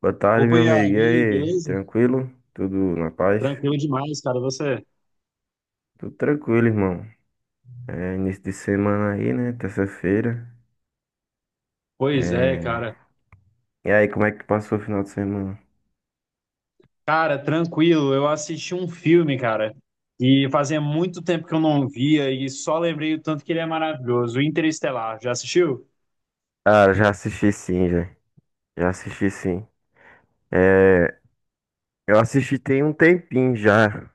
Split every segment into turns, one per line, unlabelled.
Boa tarde,
Opa,
meu
Iago, e
amigo. E
aí,
aí,
beleza?
tranquilo? Tudo na paz?
Tranquilo demais, cara, você?
Tudo tranquilo, irmão. É início de semana aí, né? Terça-feira.
Pois é,
É.
cara.
E aí, como é que passou o final de semana?
Cara, tranquilo, eu assisti um filme, cara, e fazia muito tempo que eu não via e só lembrei o tanto que ele é maravilhoso, Interestelar, já assistiu?
Cara, já assisti sim, já. Já assisti sim. É. Eu assisti tem um tempinho já.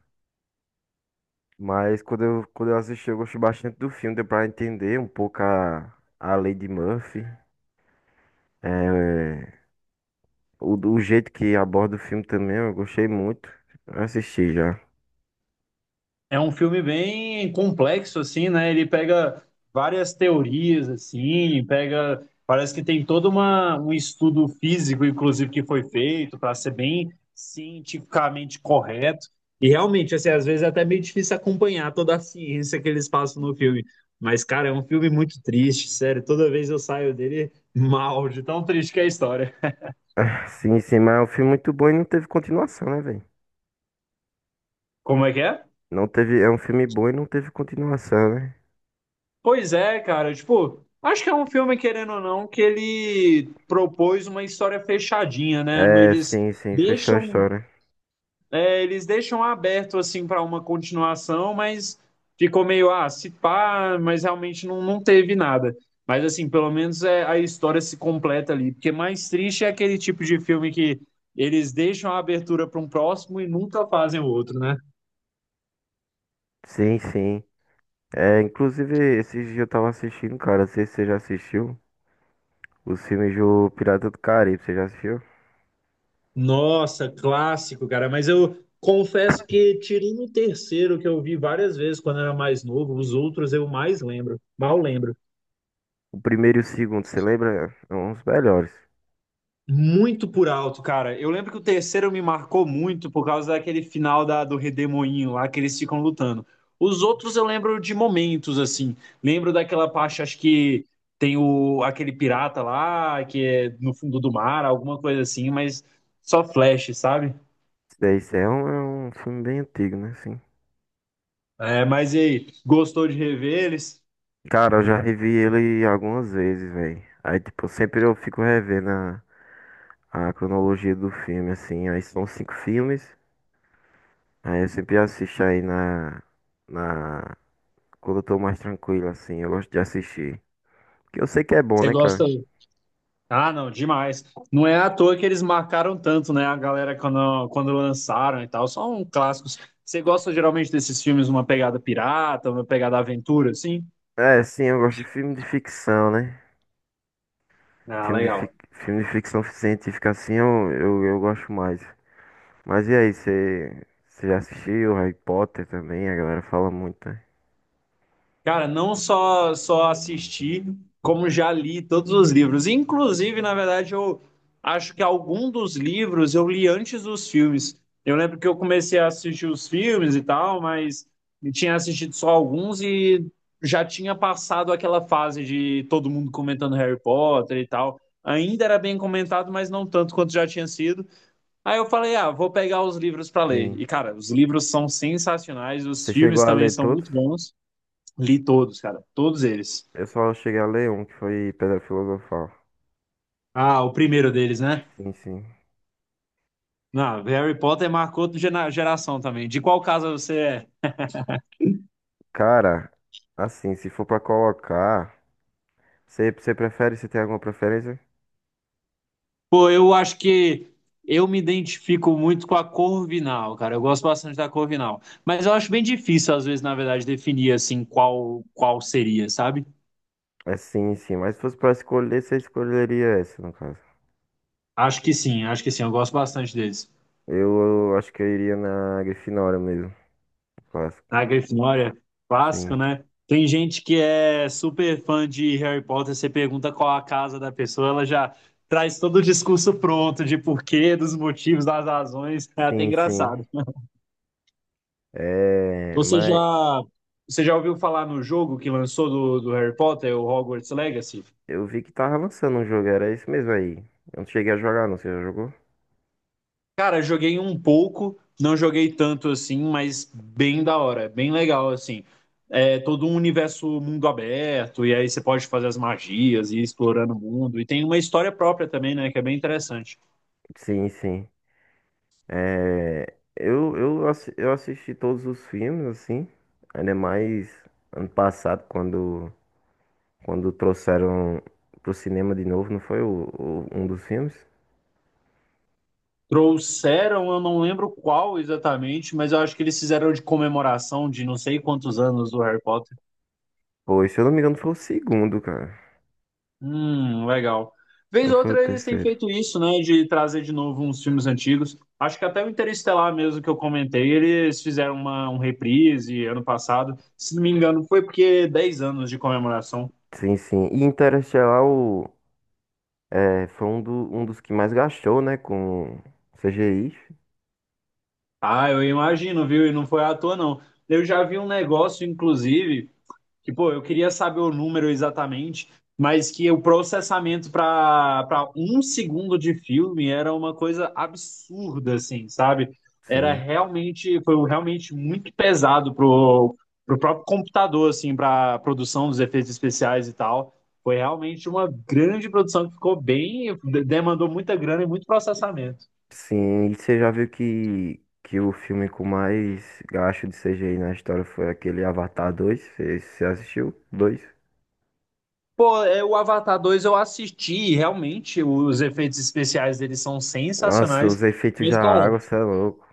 Mas quando eu assisti, eu gostei bastante do filme. Deu pra entender um pouco a Lei de Murphy. É. O jeito que aborda o filme também, eu gostei muito. Eu assisti já.
É um filme bem complexo, assim, né? Ele pega várias teorias, assim, pega. Parece que tem todo um estudo físico, inclusive, que foi feito para ser bem cientificamente correto. E realmente, assim, às vezes é até meio difícil acompanhar toda a ciência que eles passam no filme. Mas, cara, é um filme muito triste, sério. Toda vez eu saio dele mal, de tão triste que é a história.
Sim, sim, mas é um filme muito bom e não teve continuação, né, velho?
Como é que é?
Não teve, é um filme bom e não teve continuação, né?
Pois é, cara, tipo, acho que é um filme, querendo ou não, que ele propôs uma história fechadinha, né?
É,
Eles
sim, sim, fechou a
deixam,
história.
é, eles deixam aberto assim para uma continuação, mas ficou meio, ah, se pá, mas realmente não teve nada. Mas assim, pelo menos é, a história se completa ali, porque mais triste é aquele tipo de filme que eles deixam a abertura para um próximo e nunca fazem o outro, né?
Sim, sim. É, inclusive, esses dias eu tava assistindo, cara, não sei se você já assistiu, os filmes do Pirata do Caribe, você já assistiu?
Nossa, clássico, cara. Mas eu confesso que tirando o terceiro, que eu vi várias vezes quando eu era mais novo, os outros eu mais lembro, mal lembro.
O primeiro e o segundo, você lembra? É um dos melhores.
Muito por alto, cara. Eu lembro que o terceiro me marcou muito por causa daquele final do Redemoinho lá que eles ficam lutando. Os outros eu lembro de momentos, assim. Lembro daquela parte, acho que tem aquele pirata lá, que é no fundo do mar, alguma coisa assim, mas só flash, sabe?
Esse daí, esse é um filme bem antigo, né, assim.
É, mas e aí, gostou de rever eles?
Cara, eu já revi ele algumas vezes, velho. Aí, tipo, sempre eu fico revendo a cronologia do filme, assim. Aí são cinco filmes. Aí eu sempre assisto aí na, quando eu tô mais tranquilo, assim, eu gosto de assistir. Porque eu sei que é bom,
Você
né, cara?
gosta. Ah, não, demais. Não é à toa que eles marcaram tanto, né? A galera quando lançaram e tal. São clássicos. Você gosta geralmente desses filmes, uma pegada pirata, uma pegada aventura, assim?
É, sim, eu gosto de filme de ficção, né?
Ah,
Filme de, fic...
legal.
filme de ficção científica, assim, eu gosto mais. Mas e aí, você já assistiu Harry Potter também? A galera fala muito, né?
Cara, não só assisti, como já li todos os livros. Inclusive, na verdade, eu acho que algum dos livros eu li antes dos filmes. Eu lembro que eu comecei a assistir os filmes e tal, mas eu tinha assistido só alguns e já tinha passado aquela fase de todo mundo comentando Harry Potter e tal. Ainda era bem comentado, mas não tanto quanto já tinha sido. Aí eu falei, ah, vou pegar os livros para ler.
Sim.
E, cara, os livros são sensacionais, os
Você chegou
filmes
a
também
ler
são
todos?
muito bons. Li todos, cara. Todos eles.
Eu só cheguei a ler um, que foi Pedra Filosofal.
Ah, o primeiro deles, né?
Sim, sim.
Não, Harry Potter marcou outra geração também. De qual casa você é?
Cara, assim, se for pra colocar, você prefere, você tem alguma preferência?
Pô, eu acho que eu me identifico muito com a Corvinal, cara. Eu gosto bastante da Corvinal. Mas eu acho bem difícil, às vezes, na verdade, definir assim qual seria, sabe?
É sim, sim. Mas se fosse pra escolher, você escolheria essa, no caso.
Acho que sim, acho que sim. Eu gosto bastante deles.
Eu acho que eu iria na Grifinória mesmo. Clássico.
A Grifinória é
Sim.
clássico, né? Tem gente que é super fã de Harry Potter, você pergunta qual a casa da pessoa, ela já traz todo o discurso pronto de porquê, dos motivos, das razões. É até
Sim, sim.
engraçado.
É,
Você
mas
já, você já ouviu falar no jogo que lançou do Harry Potter, o Hogwarts Legacy?
eu vi que tava lançando um jogo, era isso mesmo aí. Eu não cheguei a jogar, não. Você já jogou?
Cara, joguei um pouco, não joguei tanto assim, mas bem da hora, bem legal assim. É todo um universo mundo aberto, e aí você pode fazer as magias e ir explorando o mundo. E tem uma história própria também, né? Que é bem interessante.
Sim, sim. É, eu assisti todos os filmes, assim. Ainda mais ano passado, quando trouxeram pro cinema de novo, não foi um dos filmes?
Trouxeram, eu não lembro qual exatamente, mas eu acho que eles fizeram de comemoração de não sei quantos anos do Harry Potter.
Pois, se eu não me engano, foi o segundo, cara.
Legal. Vez
Ou
ou
foi o
outra eles têm
terceiro?
feito isso, né, de trazer de novo uns filmes antigos. Acho que até o Interestelar mesmo que eu comentei, eles fizeram uma, um reprise ano passado. Se não me engano, foi porque 10 anos de comemoração.
Sim, sim. E Interestelar foi um dos que mais gastou, né? Com CGI.
Ah, eu imagino, viu? E não foi à toa, não. Eu já vi um negócio, inclusive, que, pô, eu queria saber o número exatamente, mas que o processamento para um segundo de filme era uma coisa absurda, assim, sabe? Era
Sim.
realmente, foi um realmente muito pesado pro próprio computador, assim, para produção dos efeitos especiais e tal. Foi realmente uma grande produção que ficou bem, demandou muita grana e muito processamento.
Sim, e você já viu que o filme com mais gasto de CGI na história foi aquele Avatar dois. Você assistiu? Dois?
Pô, é, o Avatar 2 eu assisti, e realmente os efeitos especiais deles são
Nossa, os
sensacionais.
efeitos
Mas,
da
cara,
água, você é louco.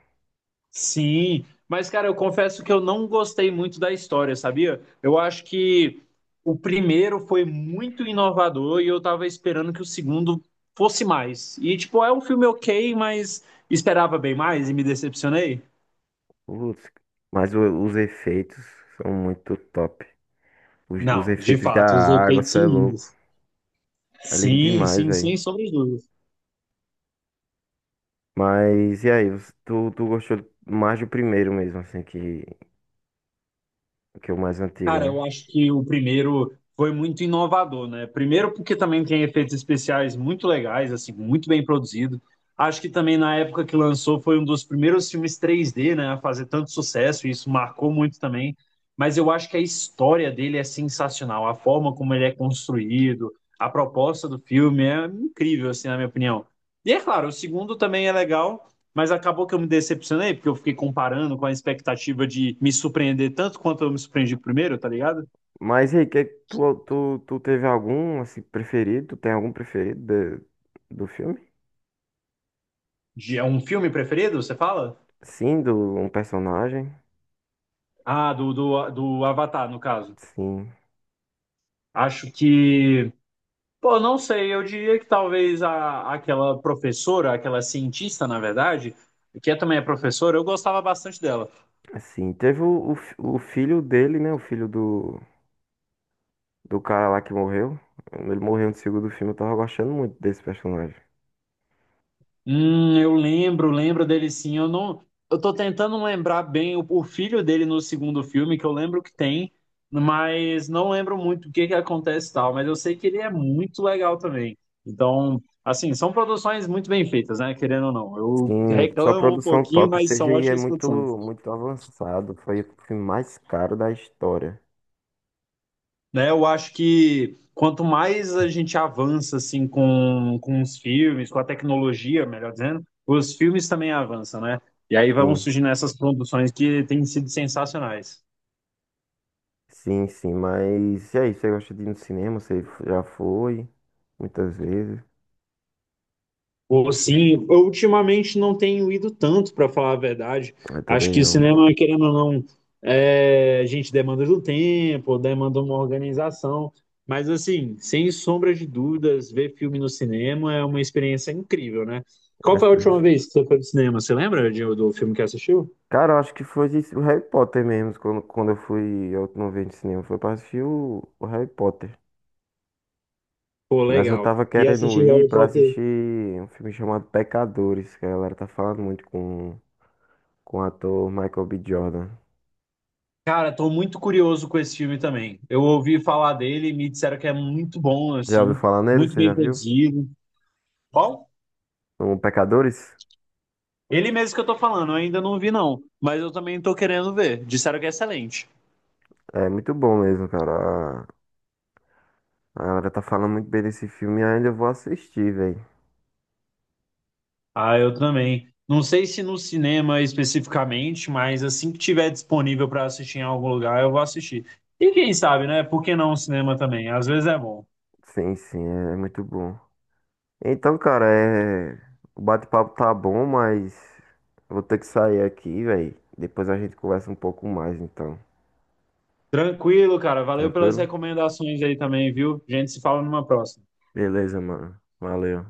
Sim, mas cara, eu confesso que eu não gostei muito da história, sabia? Eu acho que o primeiro foi muito inovador e eu tava esperando que o segundo fosse mais. E tipo, é um filme ok, mas esperava bem mais e me decepcionei?
Putz, mas os efeitos são muito top. Os
Não, de
efeitos da
fato, os
água,
efeitos
você
são
é louco.
lindos.
É lindo
Sim,
demais,
sim,
velho.
sim, sobre
Mas e aí, tu gostou mais do primeiro mesmo, assim, que é o mais antigo,
Cara,
né?
eu acho que o primeiro foi muito inovador, né? Primeiro porque também tem efeitos especiais muito legais, assim, muito bem produzido. Acho que também na época que lançou foi um dos primeiros filmes 3D, né, a fazer tanto sucesso, e isso marcou muito também. Mas eu acho que a história dele é sensacional, a forma como ele é construído, a proposta do filme é incrível, assim, na minha opinião. E é claro, o segundo também é legal, mas acabou que eu me decepcionei, porque eu fiquei comparando com a expectativa de me surpreender tanto quanto eu me surpreendi primeiro, tá ligado?
Mas e aí, tu teve algum, assim, preferido? Tu tem algum preferido do filme?
De, é um filme preferido, você fala?
Sim, do um personagem?
Ah, do Avatar, no caso.
Sim,
Acho que. Pô, não sei, eu diria que talvez aquela professora, aquela cientista, na verdade, que é, também é professora, eu gostava bastante dela.
assim. Teve o filho dele, né? O filho do cara lá que morreu. Ele morreu no segundo filme, eu tava gostando muito desse personagem.
Eu lembro, lembro dele sim. Eu não, eu tô tentando lembrar bem o filho dele no segundo filme, que eu lembro que tem, mas não lembro muito o que que acontece e tal, mas eu sei que ele é muito legal também. Então, assim, são produções muito bem feitas, né? Querendo ou não. Eu
Sim, só
reclamo um
produção
pouquinho,
top, o
mas são
CGI é
ótimas
muito,
produções.
muito avançado. Foi o filme mais caro da história.
Né? Eu acho que quanto mais a gente avança assim com os filmes, com a tecnologia, melhor dizendo, os filmes também avançam, né? E aí vão
Sim.
surgindo essas produções que têm sido sensacionais.
Sim, sim, mas e aí, você gosta de ir no cinema? Você já foi muitas vezes?
Ou sim, eu ultimamente não tenho ido tanto, para falar a verdade.
Eu
Acho
também
que
não.
cinema, querendo ou não, é, a gente demanda do tempo, demanda uma organização. Mas, assim, sem sombra de dúvidas, ver filme no cinema é uma experiência incrível, né? Qual
Mas,
foi a última vez que você foi no cinema? Você lembra do filme que assistiu?
cara, eu acho que foi isso, o Harry Potter mesmo. Quando eu fui a última vez no cinema, foi pra assistir o Harry Potter.
Pô,
Mas eu
legal.
tava
E
querendo
assistir
ir
Harry
pra
Potter.
assistir um filme chamado Pecadores, que a galera tá falando muito com o ator Michael B. Jordan.
Cara, tô muito curioso com esse filme também. Eu ouvi falar dele, me disseram que é muito bom,
Já ouviu
assim,
falar nele?
muito
Você
bem
já viu?
produzido. Qual?
O Pecadores?
Ele mesmo que eu tô falando, eu ainda não vi, não. Mas eu também tô querendo ver. Disseram que é excelente.
É muito bom mesmo, cara. A galera tá falando muito bem desse filme e ainda eu vou assistir, velho.
Ah, eu também. Não sei se no cinema especificamente, mas assim que tiver disponível pra assistir em algum lugar, eu vou assistir. E quem sabe, né? Por que não o cinema também? Às vezes é bom.
Sim, sim, é muito bom. Então, cara, o bate-papo tá bom, mas eu vou ter que sair aqui, velho. Depois a gente conversa um pouco mais, então.
Tranquilo, cara. Valeu pelas
Tranquilo?
recomendações aí também, viu? A gente se fala numa próxima.
Beleza, mano. Valeu.